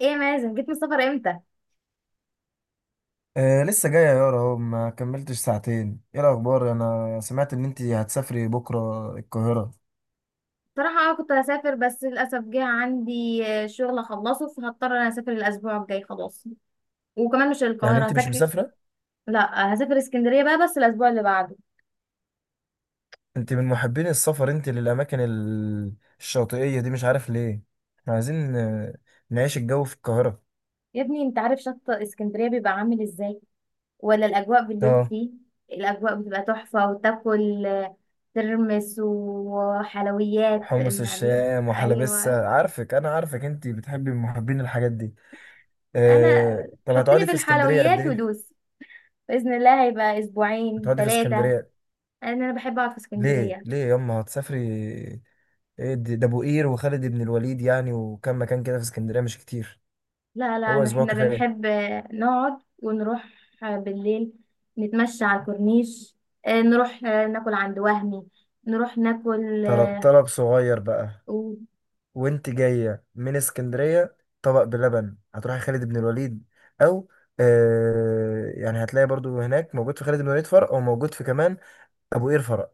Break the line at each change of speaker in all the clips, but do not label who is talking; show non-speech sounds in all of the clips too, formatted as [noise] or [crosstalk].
ايه يا مازن، جيت من السفر امتى؟
آه، لسه جاية يا يارا، اهو ما كملتش ساعتين. ايه الأخبار؟ أنا سمعت إن أنت هتسافري بكرة القاهرة.
بصراحه كنت هسافر، بس للاسف جه عندي شغل اخلصه، فهضطر انا اسافر الاسبوع الجاي خلاص. وكمان مش
يعني
القاهره
أنت مش
هسافر.
مسافرة؟
لا، هسافر اسكندريه بقى، بس الاسبوع اللي بعده.
أنت من محبين السفر، أنت للأماكن الشاطئية دي، مش عارف ليه. احنا عايزين نعيش الجو في القاهرة.
يا ابني، انت عارف شط اسكندريه بيبقى عامل ازاي ولا الاجواء بالليل
اه.
فيه؟ الاجواء بتبقى تحفه، وتاكل ترمس وحلويات
حمص
من عليه.
الشام
ايوه.
وحلبسة. أنا عارفك، أنت بتحبي، من محبين الحاجات دي.
انا
آه، طب
حطني
هتقعدي
في
في اسكندرية قد
الحلويات
إيه؟
ودوس. باذن الله هيبقى اسبوعين
هتقعدي في
ثلاثه،
اسكندرية؟
لان انا بحب اقعد في
ليه؟
اسكندريه.
ليه ياما هتسافري؟ إيه ده ابو قير وخالد بن الوليد يعني، وكم مكان كده في اسكندريه مش كتير.
لا لا،
هو اسبوع
احنا
كفايه.
بنحب نقعد ونروح بالليل، نتمشى على الكورنيش، نروح ناكل عند وهمي، نروح ناكل
طلب
اه
طلب صغير بقى.
أوه.
وانت جايه من اسكندريه، طبق بلبن هتروحي خالد بن الوليد او، آه، يعني هتلاقي برضو هناك موجود في خالد بن الوليد فرع، او موجود في كمان ابو قير فرع.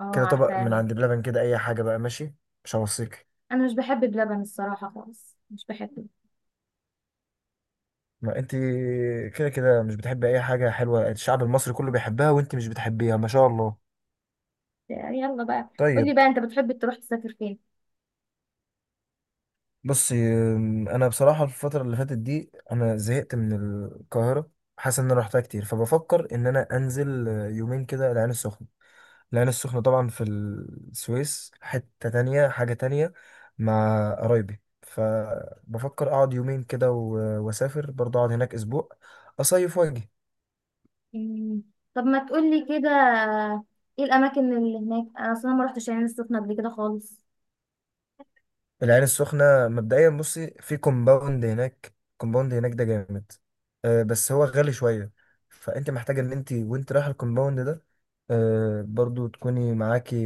كده طبق من
عارفاهم.
عند بلبن، كده اي حاجه بقى، ماشي، مش هوصيك.
انا مش بحب بلبن الصراحه، خالص مش بحب.
ما انت كده كده مش بتحبي اي حاجه حلوه، الشعب المصري كله بيحبها وانت مش بتحبيها، ما شاء الله.
يلا بقى،
طيب.
قولي بقى، انت بتحب تروح تسافر فين؟
بص انا بصراحه الفتره اللي فاتت دي انا زهقت من القاهره. حاسس ان انا رحتها كتير، فبفكر ان انا انزل يومين كده العين السخنه. العين السخنه طبعا في السويس، حته تانية، حاجه تانية. مع قرايبي، فبفكر اقعد يومين كده واسافر برضه، اقعد هناك اسبوع، اصيف واجي.
مم. طب ما تقولي كده، ايه الاماكن اللي هناك؟ انا اصلا ما رحتش العين السخنه قبل كده خالص.
العين السخنة مبدئيا بصي، في كومباوند هناك، كومباوند هناك ده جامد. أه بس هو غالي شوية. فأنت محتاجة إن أنت، وأنت رايحة الكومباوند ده، أه برضو تكوني معاكي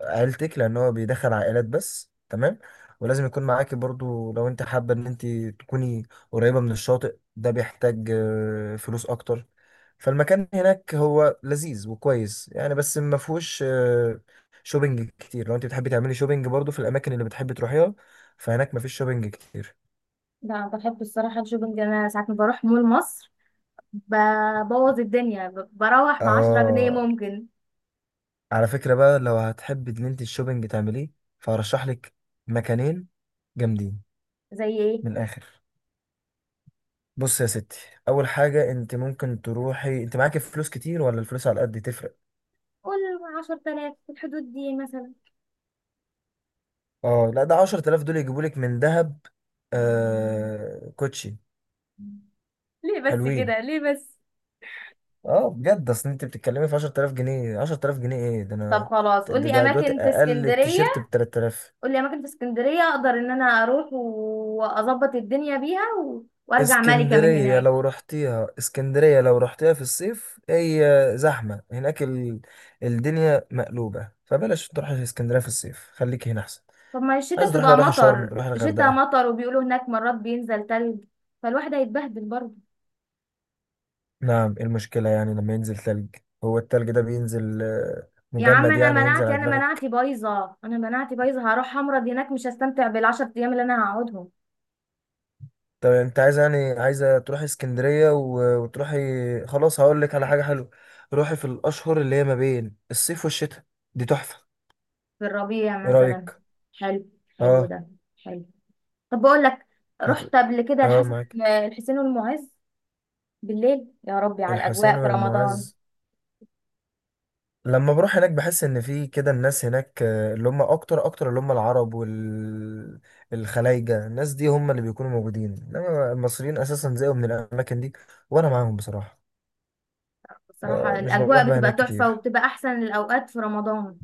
عيلتك، لان هو بيدخل عائلات بس، تمام. ولازم يكون معاكي برضو، لو انت حابة ان انت تكوني قريبة من الشاطئ، ده بيحتاج فلوس اكتر. فالمكان هناك هو لذيذ وكويس يعني، بس ما فيهوش شوبينج كتير. لو انت بتحبي تعملي شوبينج برضو في الاماكن اللي بتحبي تروحيها، فهناك ما فيش شوبينج كتير.
لا، بحب الصراحه الشوبنج، انا ساعات ما بروح مول مصر ببوظ الدنيا، بروح ب10 جنيه
اه،
ممكن.
على فكرة بقى، لو هتحبي ان انت الشوبينج تعمليه، فهرشح لك مكانين جامدين
زي ايه؟
من الاخر. بص يا ستي، اول حاجه، انت ممكن تروحي انت معاكي فلوس كتير، ولا الفلوس على قد تفرق.
قول. 10,000 في الحدود دي مثلا.
اه، لا ده 10000 دول يجيبوا لك من ذهب. كوتشي
ليه بس
حلوين،
كده، ليه بس؟
اه، بجد. اصل انت بتتكلمي في 10000 جنيه، 10000 جنيه ايه ده؟
طب
انا
خلاص،
ده
قولي
ده دلوقتي
أماكن في
اقل
اسكندرية.
تيشيرت ب 3000.
قولي أماكن في اسكندرية أقدر إن أنا أروح وأظبط الدنيا بيها وأرجع ملكة من
اسكندريه
هناك.
لو رحتيها، اسكندريه لو رحتيها في الصيف، هي زحمه هناك، الدنيا مقلوبه، فبلاش تروحي اسكندريه في الصيف، خليكي هنا احسن.
طب ما الشتا
عايز تروحي بقى،
بتبقى
روحي شرم،
مطر،
روحي
الشتا
الغردقه.
مطر، وبيقولوا هناك مرات بينزل تلج، فالواحد هيتبهدل برضه.
نعم، ايه المشكلة يعني لما ينزل ثلج؟ هو الثلج ده بينزل
يا عم،
مجمد
أنا
يعني هينزل
مناعتي
على
أنا مناعتي
دماغك؟
بايظة أنا مناعتي بايظة هروح أمرض هناك، مش هستمتع بالعشر أيام اللي أنا هقعدهم.
طب انت عايز يعني عايزة تروحي اسكندرية، وتروحي. خلاص، هقول لك على حاجة حلوة. روحي في الأشهر اللي هي ما بين الصيف والشتاء، دي تحفة.
في الربيع
ايه
مثلا.
رأيك؟
حلو. حلو
اه.
ده. حلو. طب بقول لك،
هت...
رحت قبل كده
اه، معاك.
الحسين والمعز، بالليل، يا ربي على
الحسين
الاجواء في رمضان.
والمعز. لما بروح هناك بحس ان في كده الناس هناك، اللي هم اكتر اكتر، اللي هم العرب والخلايجة، الناس دي هم اللي بيكونوا موجودين، انما المصريين اساسا زيهم من الاماكن دي، وانا معاهم بصراحة.
بصراحه
مش بروح
الاجواء
بقى
بتبقى
هناك
تحفه،
كتير
وبتبقى احسن الاوقات في رمضان،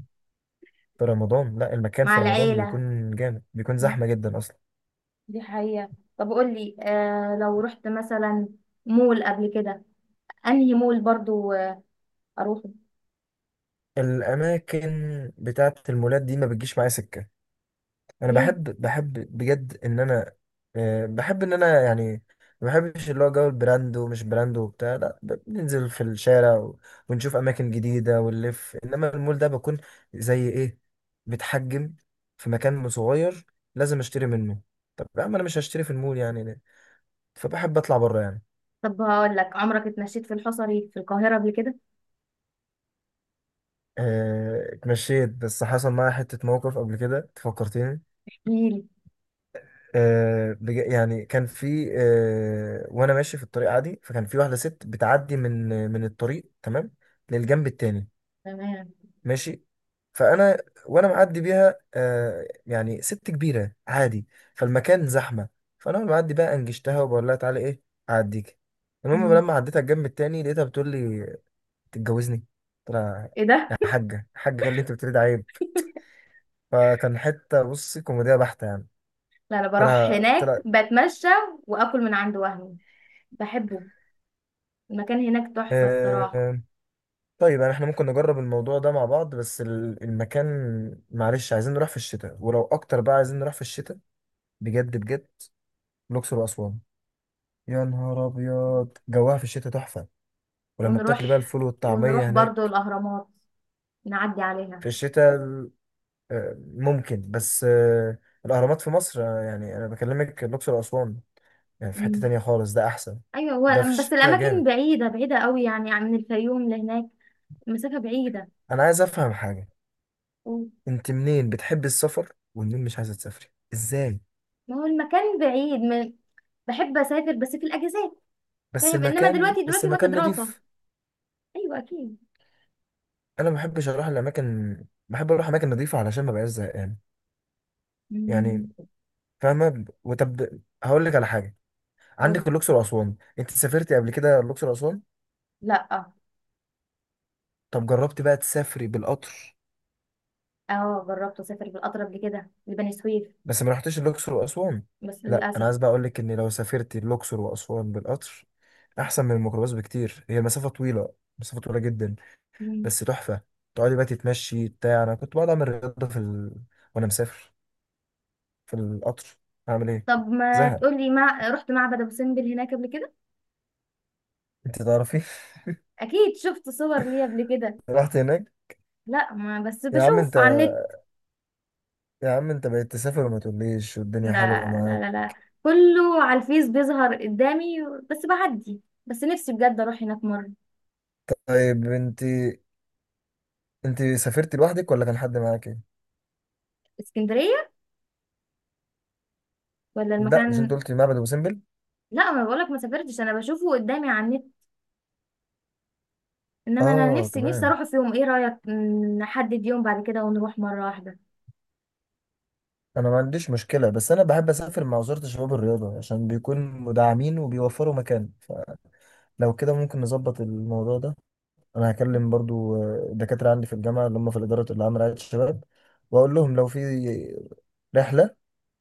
في رمضان، لا المكان
مع
في رمضان
العيله.
بيكون جامد، بيكون زحمة جدا اصلا.
دي حقيقه. طب قول لي، لو رحت مثلا مول قبل كده، انهي مول برضو اروحه؟
الاماكن بتاعت المولات دي ما بتجيش معايا سكة. انا
ليه؟
بحب بجد ان انا، بحب ان انا يعني، ما بحبش اللي هو جو البراند ومش براند وبتاع، لا، بننزل في الشارع ونشوف اماكن جديده ونلف، انما المول ده بكون، زي ايه، بتحجم في مكان صغير لازم اشتري منه. طب يا عم انا مش هشتري في المول يعني، ليه؟ فبحب اطلع بره يعني.
طب هقول لك، عمرك اتمشيت في الحصري في القاهره قبل كده؟
اتمشيت، بس حصل معايا حته موقف قبل كده تفكرتني.
احكيلي.
يعني كان في، وانا ماشي في الطريق عادي، فكان في واحده ست بتعدي من الطريق، تمام، للجنب التاني،
تمام.
ماشي. فانا وانا معدي بيها، يعني ست كبيره عادي، فالمكان زحمه، فانا وانا معدي بقى انجشتها وبقول لها تعالي، ايه، اعديك. المهم
مم.
لما عديتها الجنب التاني لقيتها بتقول لي تتجوزني. قلت لها
ايه ده؟
يا حاجه حاجه، اللي انت بتريد عيب. فكان حته بصي كوميديا بحته يعني.
لا، انا
قلت
بروح
لها قلت
هناك
لها
بتمشى، واكل من عند وهمي، بحبه، المكان هناك تحفة الصراحة.
آه، طيب، يعني احنا ممكن نجرب الموضوع ده مع بعض، بس المكان، معلش عايزين نروح في الشتاء، ولو اكتر بقى عايزين نروح في الشتاء بجد بجد. الاقصر واسوان يا نهار ابيض، جواها في الشتاء تحفه، ولما
ونروح،
بتاكل بقى الفول
ونروح
والطعميه
برضو
هناك
الاهرامات، نعدي
في
عليها.
الشتاء ممكن بس، الاهرامات في مصر، يعني انا بكلمك الاقصر واسوان، يعني في حته
مم.
تانية خالص، ده احسن.
ايوه.
ده في
هو بس
الشتاء
الاماكن
جامد.
بعيدة بعيدة قوي، يعني من الفيوم لهناك المسافة بعيدة.
انا عايز افهم حاجه،
و-
انت منين بتحب السفر ومنين مش عايزه تسافري، ازاي؟
ما هو المكان بعيد من. بحب اسافر بس في الاجازات،
بس
فاهم؟ انما
المكان
دلوقتي
بس
دلوقتي وقت
المكان
دراسة.
نضيف.
ايوه اكيد.
انا ما بحبش اروح الاماكن، بحب اروح اماكن نظيفه علشان ما بقاش زهقان، يعني.
مم.
فاهمه؟ وطب هقول لك على حاجه، عندك
قولي.
الاقصر واسوان، انت سافرتي قبل كده الاقصر واسوان؟
لا.
طب جربتي بقى تسافري بالقطر؟
اه جربت اسافر بالقطر قبل كده لبني سويف،
بس ما رحتيش الاقصر واسوان.
بس
لا انا
للاسف.
عايز بقى اقول لك ان لو سافرتي الاقصر واسوان بالقطر، احسن من الميكروباص بكتير، هي مسافه طويله، مسافه طويله جدا،
مم.
بس تحفه. تقعدي بقى تتمشي بتاع، انا كنت بقعد اعمل رياضه في وانا مسافر في القطر، اعمل ايه،
طب ما
زهق.
تقولي، رحت معبد ابو سمبل هناك قبل كده؟
انت تعرفي
اكيد شفت صور ليه قبل كده.
رحت هناك؟
لا، ما بس
يا عم
بشوف
انت
على النت.
يا عم انت بقيت تسافر وما تقوليش،
لا
والدنيا حلوه
لا
معاك.
لا لا، كله على الفيس بيظهر قدامي، بس بعدي، بس نفسي بجد اروح هناك مره.
طيب انت سافرت لوحدك ولا كان حد معاك؟
اسكندريه؟ ولا
لا، مش انت
المكان؟
قلت معبد ابو سمبل؟
لا، ما بقولك ما سافرتش، انا بشوفه قدامي على النت، انما انا
اه،
نفسي نفسي
تمام.
اروح في يوم. ايه رايك؟ نحدد يوم بعد كده ونروح مره واحده.
انا ما عنديش مشكله، بس انا بحب اسافر مع وزاره الشباب الرياضه، عشان بيكون مدعمين وبيوفروا مكان. فلو كده ممكن نظبط الموضوع ده. انا هكلم برضو الدكاتره عندي في الجامعه اللي هم في الاداره اللي عامله رعايه الشباب، واقول لهم لو في رحله،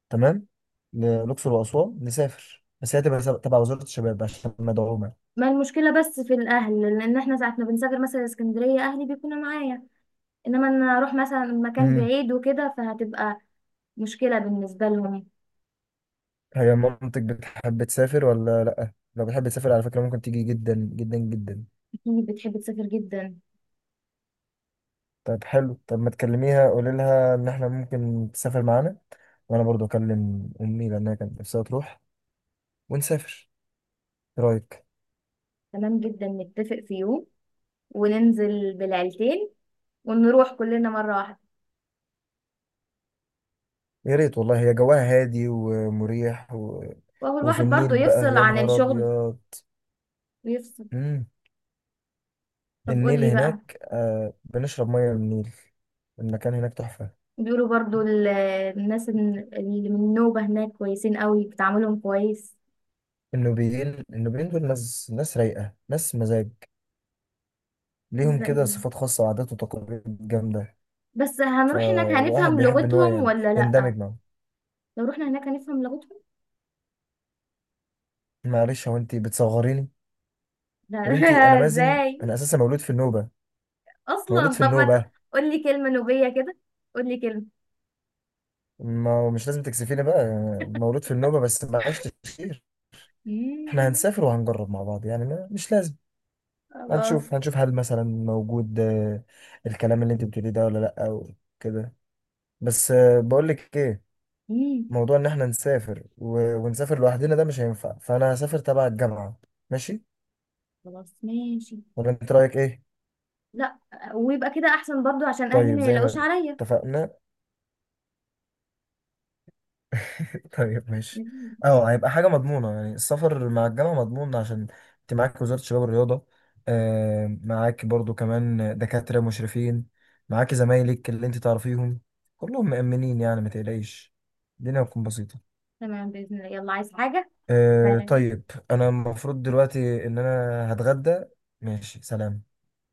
تمام، للأقصر وأسوان نسافر، بس هي تبقى تبع وزارة الشباب عشان مدعومة.
ما المشكله بس في الاهل، لان احنا ساعه ما بنسافر مثلا اسكندريه اهلي بيكونوا معايا، انما ان انا اروح مثلا مكان
امم
بعيد وكده فهتبقى مشكلة بالنسبة لهم.
هي مامتك بتحب تسافر ولا لأ؟ لو بتحب تسافر على فكرة ممكن تيجي، جدا جدا جدا.
اكيد بتحب تسافر جدا.
طب حلو، طب ما تكلميها قولي لها إن إحنا ممكن تسافر معانا، وأنا برضو أكلم أمي لأنها كانت نفسها تروح، ونسافر. إيه رأيك؟
تمام جدا، نتفق في يوم، وننزل بالعيلتين، ونروح كلنا مرة واحدة.
يا ريت والله، هي جواها هادي ومريح
وهو
وفي
الواحد برضو
النيل بقى
يفصل
يا
عن
نهار
الشغل
أبيض.
ويفصل.
مم.
طب
النيل
قولي بقى،
هناك آه بنشرب مية من النيل، المكان هناك تحفة.
بيقولوا برضو الناس اللي من النوبة هناك كويسين قوي، بتعاملهم كويس.
النوبيين دول ناس، ناس رايقة، ناس مزاج، ليهم
ازاي
كده
بقى؟
صفات خاصة وعادات وتقاليد جامدة.
بس هنروح هناك
فالواحد
هنفهم
بيحب إن هو
لغتهم
يعني
ولا لا؟
يندمج معاهم.
لو رحنا هناك هنفهم لغتهم؟
معلش، هو أنت بتصغريني؟ يا بنتي أنا
لا [laughs]
مازن،
ازاي
أنا أساسا مولود في النوبة. مولود
اصلا؟
في
طب ما
النوبة.
قول لي كلمه نوبيه كده، قول لي كلمه.
ما مش لازم تكسفيني بقى. مولود في النوبة بس ما عشتش كتير. إحنا
مم.
هنسافر وهنجرب مع بعض، يعني ما مش لازم.
خلاص.
هنشوف هل مثلا موجود، الكلام اللي انت بتقوليه ده، ولا لا، او كده. بس بقول لك ايه،
مم.
موضوع ان احنا نسافر ونسافر لوحدنا ده مش هينفع، فانا هسافر تبع الجامعة. ماشي؟
خلاص ماشي.
ولا انت رايك ايه؟
لا، ويبقى كده احسن برضو عشان اهلي
طيب
ما
زي
يلاقوش
ما
عليا.
اتفقنا. [laughs] طيب ماشي.
ماشي.
اه، هيبقى حاجة مضمونة يعني، السفر مع الجامعة مضمون، عشان انت معاك وزارة الشباب والرياضة، معاك برضو كمان دكاترة مشرفين، معاك زمايلك اللي انت تعرفيهم، كلهم مأمنين يعني ما تقلقيش، الدنيا هتكون بسيطة.
تمام باذن الله، يلا عايز حاجه؟ سلام.
طيب، انا المفروض دلوقتي ان انا هتغدى. ماشي سلام.